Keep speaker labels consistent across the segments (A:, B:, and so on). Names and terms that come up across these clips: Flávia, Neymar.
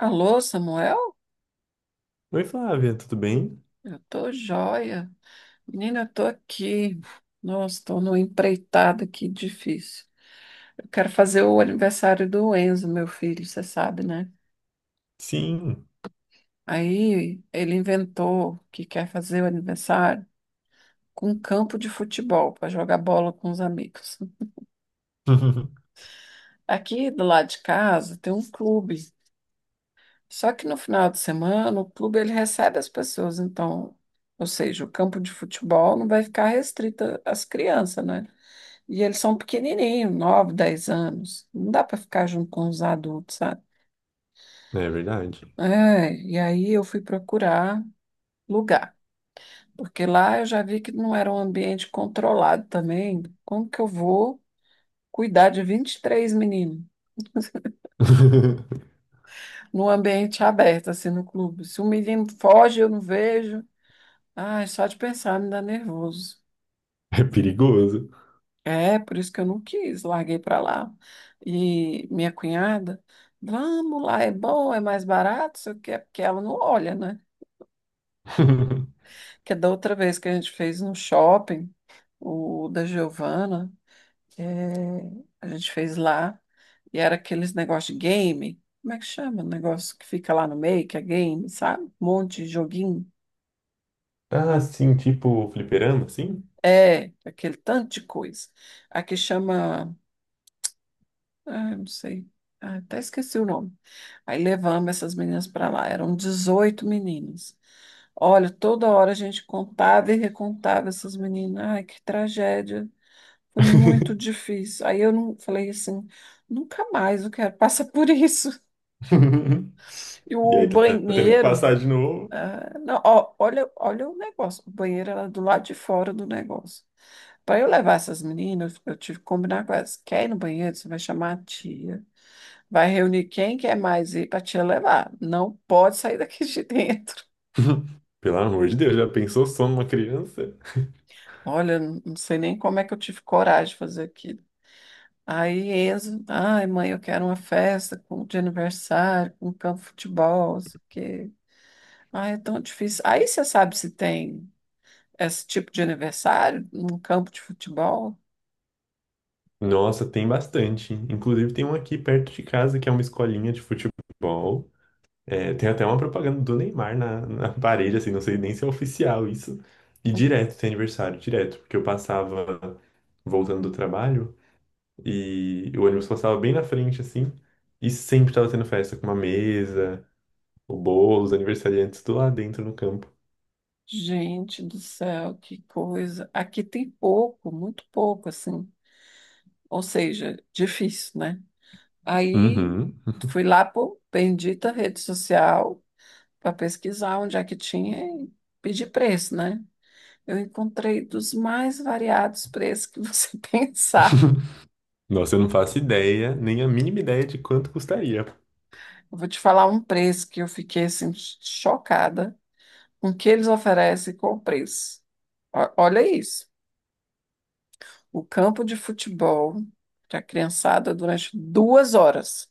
A: Alô, Samuel?
B: Oi, Flávia, tudo bem?
A: Eu tô joia. Menina, eu tô aqui. Nossa, tô numa empreitada aqui difícil. Eu quero fazer o aniversário do Enzo, meu filho, você sabe, né?
B: Sim.
A: Aí ele inventou que quer fazer o aniversário com um campo de futebol para jogar bola com os amigos. Aqui do lado de casa tem um clube. Só que no final de semana o clube ele recebe as pessoas, então, ou seja, o campo de futebol não vai ficar restrito às crianças, né? E eles são pequenininhos, 9, 10 anos. Não dá para ficar junto com os adultos, sabe?
B: É verdade.
A: É, e aí eu fui procurar lugar, porque lá eu já vi que não era um ambiente controlado também. Como que eu vou cuidar de 23 meninos num ambiente aberto, assim, no clube? Se um menino foge, eu não vejo. Ai, só de pensar me dá nervoso.
B: É perigoso.
A: É, por isso que eu não quis, larguei pra lá. E minha cunhada, vamos lá, é bom, é mais barato, só que é porque ela não olha, né? Que é da outra vez que a gente fez no shopping, o da Giovana, é, a gente fez lá, e era aqueles negócios de game, como é que chama? O negócio que fica lá no meio, que é game, sabe? Um monte de joguinho.
B: Ah, sim, tipo fliperama, sim?
A: É, aquele tanto de coisa. Aqui chama. Ah, eu não sei. Ah, até esqueci o nome. Aí levamos essas meninas para lá. Eram 18 meninas. Olha, toda hora a gente contava e recontava essas meninas. Ai, que tragédia. Foi muito difícil. Aí eu não falei assim, nunca mais eu quero passar por isso. E
B: E
A: o
B: aí tá tendo que
A: banheiro,
B: passar de novo.
A: ah, não, ó, olha o negócio. O banheiro era do lado de fora do negócio. Para eu levar essas meninas, eu tive que combinar com elas. Quer ir no banheiro? Você vai chamar a tia. Vai reunir quem quer mais ir para te levar. Não pode sair daqui de dentro.
B: Pelo amor de Deus, já pensou só numa criança?
A: Olha, não sei nem como é que eu tive coragem de fazer aquilo. Aí Enzo, ai mãe, eu quero uma festa de aniversário, com campo de futebol, não sei o quê. Ai, é tão difícil. Aí você sabe se tem esse tipo de aniversário num campo de futebol?
B: Nossa, tem bastante. Inclusive tem um aqui perto de casa que é uma escolinha de futebol. É, tem até uma propaganda do Neymar na parede, assim, não sei nem se é oficial isso. E
A: Hum.
B: direto, tem aniversário, direto, porque eu passava voltando do trabalho e o ônibus passava bem na frente, assim, e sempre tava tendo festa, com uma mesa, o bolo, os aniversariantes tudo lá dentro no campo.
A: Gente do céu, que coisa. Aqui tem pouco, muito pouco, assim. Ou seja, difícil, né? Aí
B: Uhum.
A: fui lá por bendita rede social para pesquisar onde é que tinha e pedir preço, né? Eu encontrei dos mais variados preços que você pensar.
B: Nossa, eu não faço ideia, nem a mínima ideia de quanto custaria.
A: Eu vou te falar um preço que eu fiquei assim chocada com o que eles oferecem e com o preço. Olha isso. O campo de futebol para criançada durante 2 horas.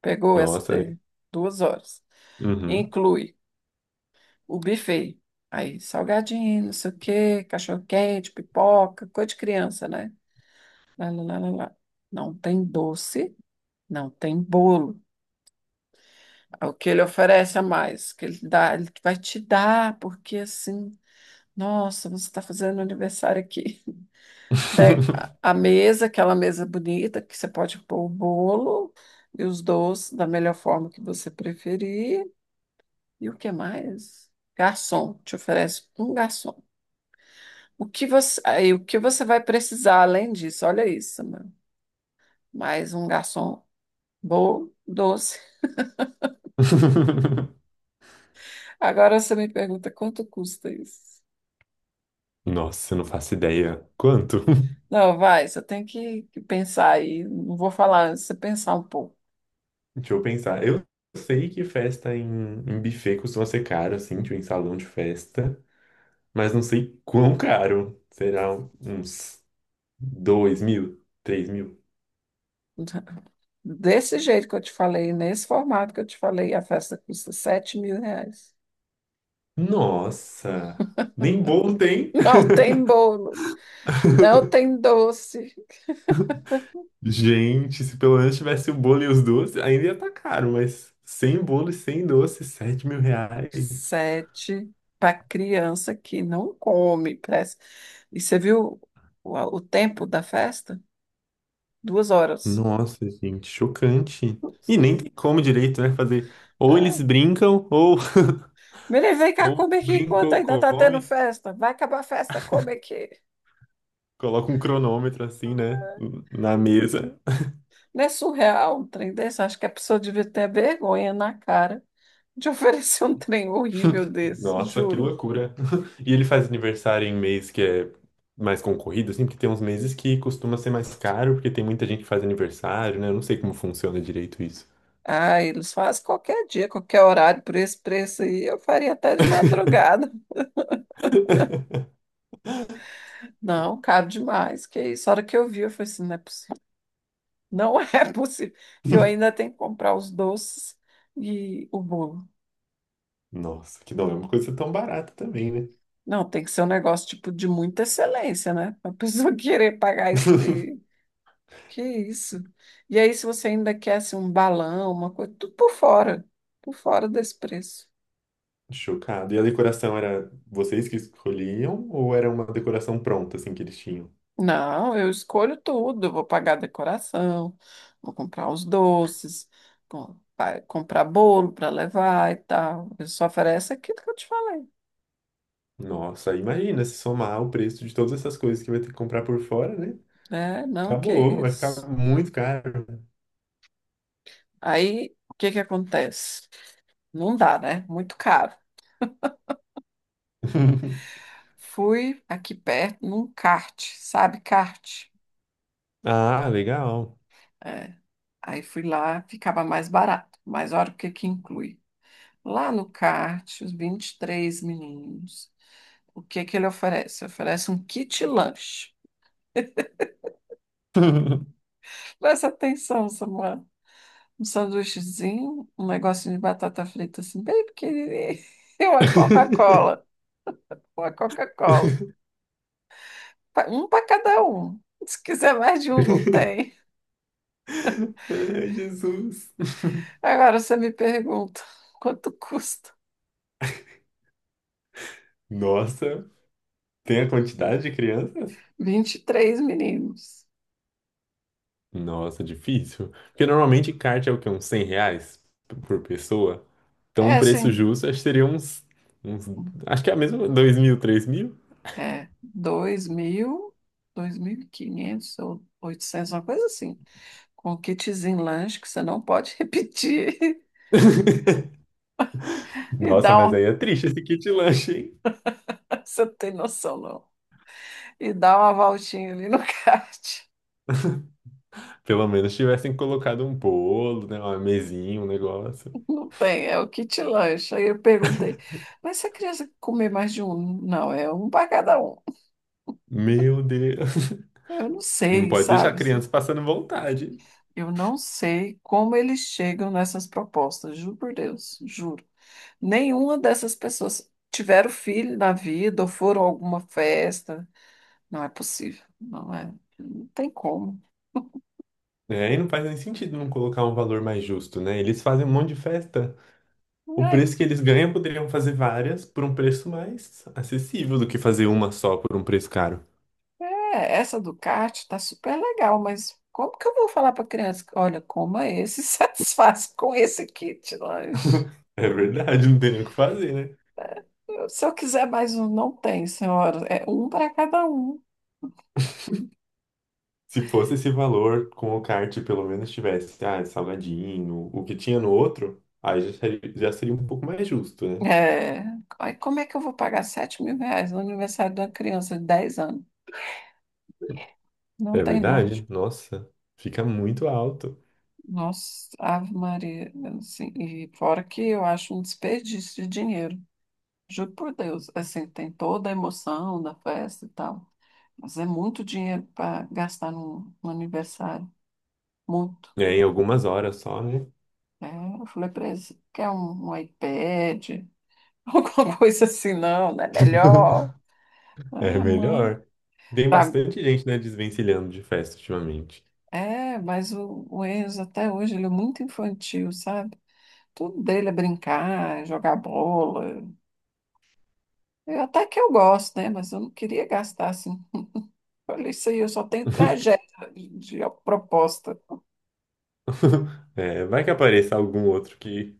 A: Pegou essa
B: Nossa, né?
A: daí? 2 horas.
B: Uhum.
A: Inclui o buffet. Aí, salgadinho, não sei o quê, cachorro-quente, pipoca, coisa de criança, né? Lá, lá, lá, lá, lá. Não tem doce, não tem bolo. É o que ele oferece a mais, o que ele dá, ele vai te dar, porque assim, nossa, você está fazendo aniversário aqui. Daí, a mesa, aquela mesa bonita, que você pode pôr o bolo e os doces da melhor forma que você preferir. E o que mais? Garçom, te oferece um garçom. O que você, aí, o que você vai precisar além disso? Olha isso, mano. Mais um garçom bom, doce. Agora você me pergunta quanto custa isso?
B: Nossa, eu não faço ideia. Quanto?
A: Não, vai, você tem que pensar aí. Não vou falar, você pensar um pouco.
B: Deixa eu pensar. Eu sei que festa em buffet costuma ser caro, assim, tipo em salão de festa, mas não sei quão caro. Será uns 2.000, 3.000?
A: Desse jeito que eu te falei, nesse formato que eu te falei, a festa custa R$ 7.000.
B: Nossa! Nem bolo tem!
A: Não tem bolo, não tem doce.
B: Gente, se pelo menos tivesse o bolo e os doces, ainda ia estar caro, mas sem bolo e sem doce, R$ 7.000.
A: Sete para criança que não come, parece. E você viu o tempo da festa? 2 horas.
B: Nossa, gente, chocante. E nem tem como direito, né? Fazer. Ou
A: Ah,
B: eles brincam, ou,
A: menino, vem cá,
B: ou
A: come aqui
B: brincam
A: enquanto
B: ou
A: ainda tá tendo
B: come.
A: festa. Vai acabar a festa, come aqui.
B: Coloca um cronômetro assim, né? Na mesa.
A: Não é surreal um trem desse? Acho que a pessoa devia ter vergonha na cara de oferecer um trem horrível desse,
B: Nossa, que
A: juro.
B: loucura. E ele faz aniversário em mês que é mais concorrido, assim, porque tem uns meses que costuma ser mais caro, porque tem muita gente que faz aniversário, né? Eu não sei como funciona direito isso.
A: Ah, eles fazem qualquer dia, qualquer horário, por esse preço aí, eu faria até de madrugada. Não, caro demais. Que isso? A hora que eu vi, eu falei assim, não é possível. Não é possível. E eu ainda tenho que comprar os doces e o bolo.
B: Nossa, que não é uma coisa tão barata também, né?
A: Não, tem que ser um negócio tipo de muita excelência, né? A pessoa querer pagar este. Que isso? E aí, se você ainda quer assim, um balão, uma coisa, tudo por fora desse preço.
B: Chocado. E a decoração era vocês que escolhiam ou era uma decoração pronta, assim, que eles tinham?
A: Não, eu escolho tudo. Eu vou pagar a decoração, vou comprar os doces, comprar bolo para levar e tal. Eu só ofereço aquilo que eu te falei,
B: Nossa, imagina se somar o preço de todas essas coisas que vai ter que comprar por fora, né?
A: né? Não, que
B: Acabou, vai
A: isso.
B: ficar muito caro.
A: Aí, o que que acontece? Não dá, né? Muito caro. Fui aqui perto num kart, sabe kart?
B: Ah, legal.
A: É. Aí fui lá, ficava mais barato. Mas olha o que que inclui. Lá no kart, os 23 meninos. O que que ele oferece? Oferece um kit lanche. Presta atenção, Samuel. Um sanduíchezinho, um negocinho de batata frita assim, bem pequenininho. E uma Coca-Cola. Uma Coca-Cola. Um para cada um. Se quiser mais de um, não tem.
B: Ai, Jesus.
A: Agora você me pergunta, quanto custa?
B: Nossa, tem a quantidade de crianças?
A: Vinte e três meninos.
B: Nossa, difícil. Porque normalmente kart é o quê? Uns 100 reais por pessoa. Então, um
A: É,
B: preço
A: sim.
B: justo, acho que seria uns, uns... Acho que é a mesma, 2.000, 3 mil.
A: É, 2.000, 2.500 ou 800 uma coisa assim. Com um kitzinho lanche que você não pode repetir. E
B: Nossa,
A: dá
B: mas aí
A: uma.
B: é triste esse kit lanche, hein?
A: Você não tem noção, não. E dá uma voltinha ali no kart.
B: Pelo menos tivessem colocado um bolo, né? Uma mesinha, um negócio.
A: Não tem, é o kit lanche. Aí eu perguntei, mas se a criança comer mais de um? Não, é um para cada um.
B: Meu Deus.
A: Eu não
B: Não
A: sei,
B: pode deixar a
A: sabe?
B: criança passando vontade.
A: Eu não sei como eles chegam nessas propostas, juro por Deus, juro. Nenhuma dessas pessoas tiveram filho na vida ou foram a alguma festa. Não é possível, não é. Não tem como.
B: É, e não faz nem sentido não colocar um valor mais justo, né? Eles fazem um monte de festa. O
A: Ai,
B: preço que eles ganham poderiam fazer várias por um preço mais acessível do que fazer uma só por um preço caro.
A: é, essa Ducati tá super legal, mas como que eu vou falar para criança? Que, olha, coma esse, satisfaz com esse kit lanche.
B: É verdade, não tem nem o que fazer, né?
A: Se eu quiser mais um, não tem, senhora. É um para cada um.
B: Se fosse esse valor com o kart, pelo menos tivesse, ah, salgadinho, o que tinha no outro, aí já seria um pouco mais justo, né?
A: É, aí como é que eu vou pagar R$ 7.000 no aniversário de uma criança de 10 anos? Não
B: É
A: tem
B: verdade?
A: lógico.
B: Nossa, fica muito alto.
A: Nossa, Ave Maria. Assim, e fora que eu acho um desperdício de dinheiro. Juro por Deus. Assim, tem toda a emoção da festa e tal. Mas é muito dinheiro para gastar num aniversário. Muito.
B: É, em algumas horas só, né?
A: É, eu falei para eles, quer um iPad? Alguma coisa assim, não, não é melhor.
B: É
A: Ah, mano.
B: melhor. Tem
A: Pra-
B: bastante gente, né, desvencilhando de festa ultimamente.
A: É, mas o Enzo até hoje ele é muito infantil, sabe? Tudo dele é brincar, é jogar bola. Eu, até que eu gosto, né? Mas eu não queria gastar assim. Olha isso aí, eu só tenho tragédia de proposta.
B: É, vai que apareça algum outro que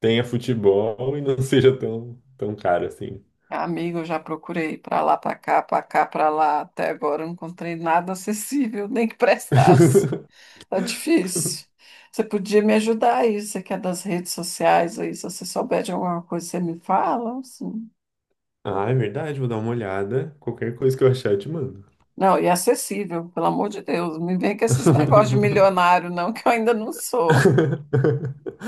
B: tenha futebol e não seja tão caro assim.
A: Amigo, eu já procurei pra lá, pra cá, pra cá, pra lá. Até agora eu não encontrei nada acessível, nem que prestasse. Tá difícil. Você podia me ajudar aí, você que é das redes sociais aí, se você souber de alguma coisa, você me fala, assim.
B: Ah, é verdade, vou dar uma olhada. Qualquer coisa que eu achar, eu te mando.
A: Não, e acessível, pelo amor de Deus. Não me vem com esses negócios de milionário, não, que eu ainda não sou.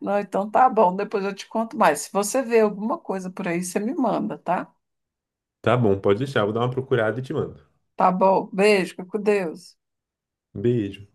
A: Não, então tá bom, depois eu te conto mais. Se você vê alguma coisa por aí, você me manda, tá?
B: Tá bom, pode deixar, vou dar uma procurada e te mando.
A: Tá bom, beijo, fica com Deus.
B: Beijo.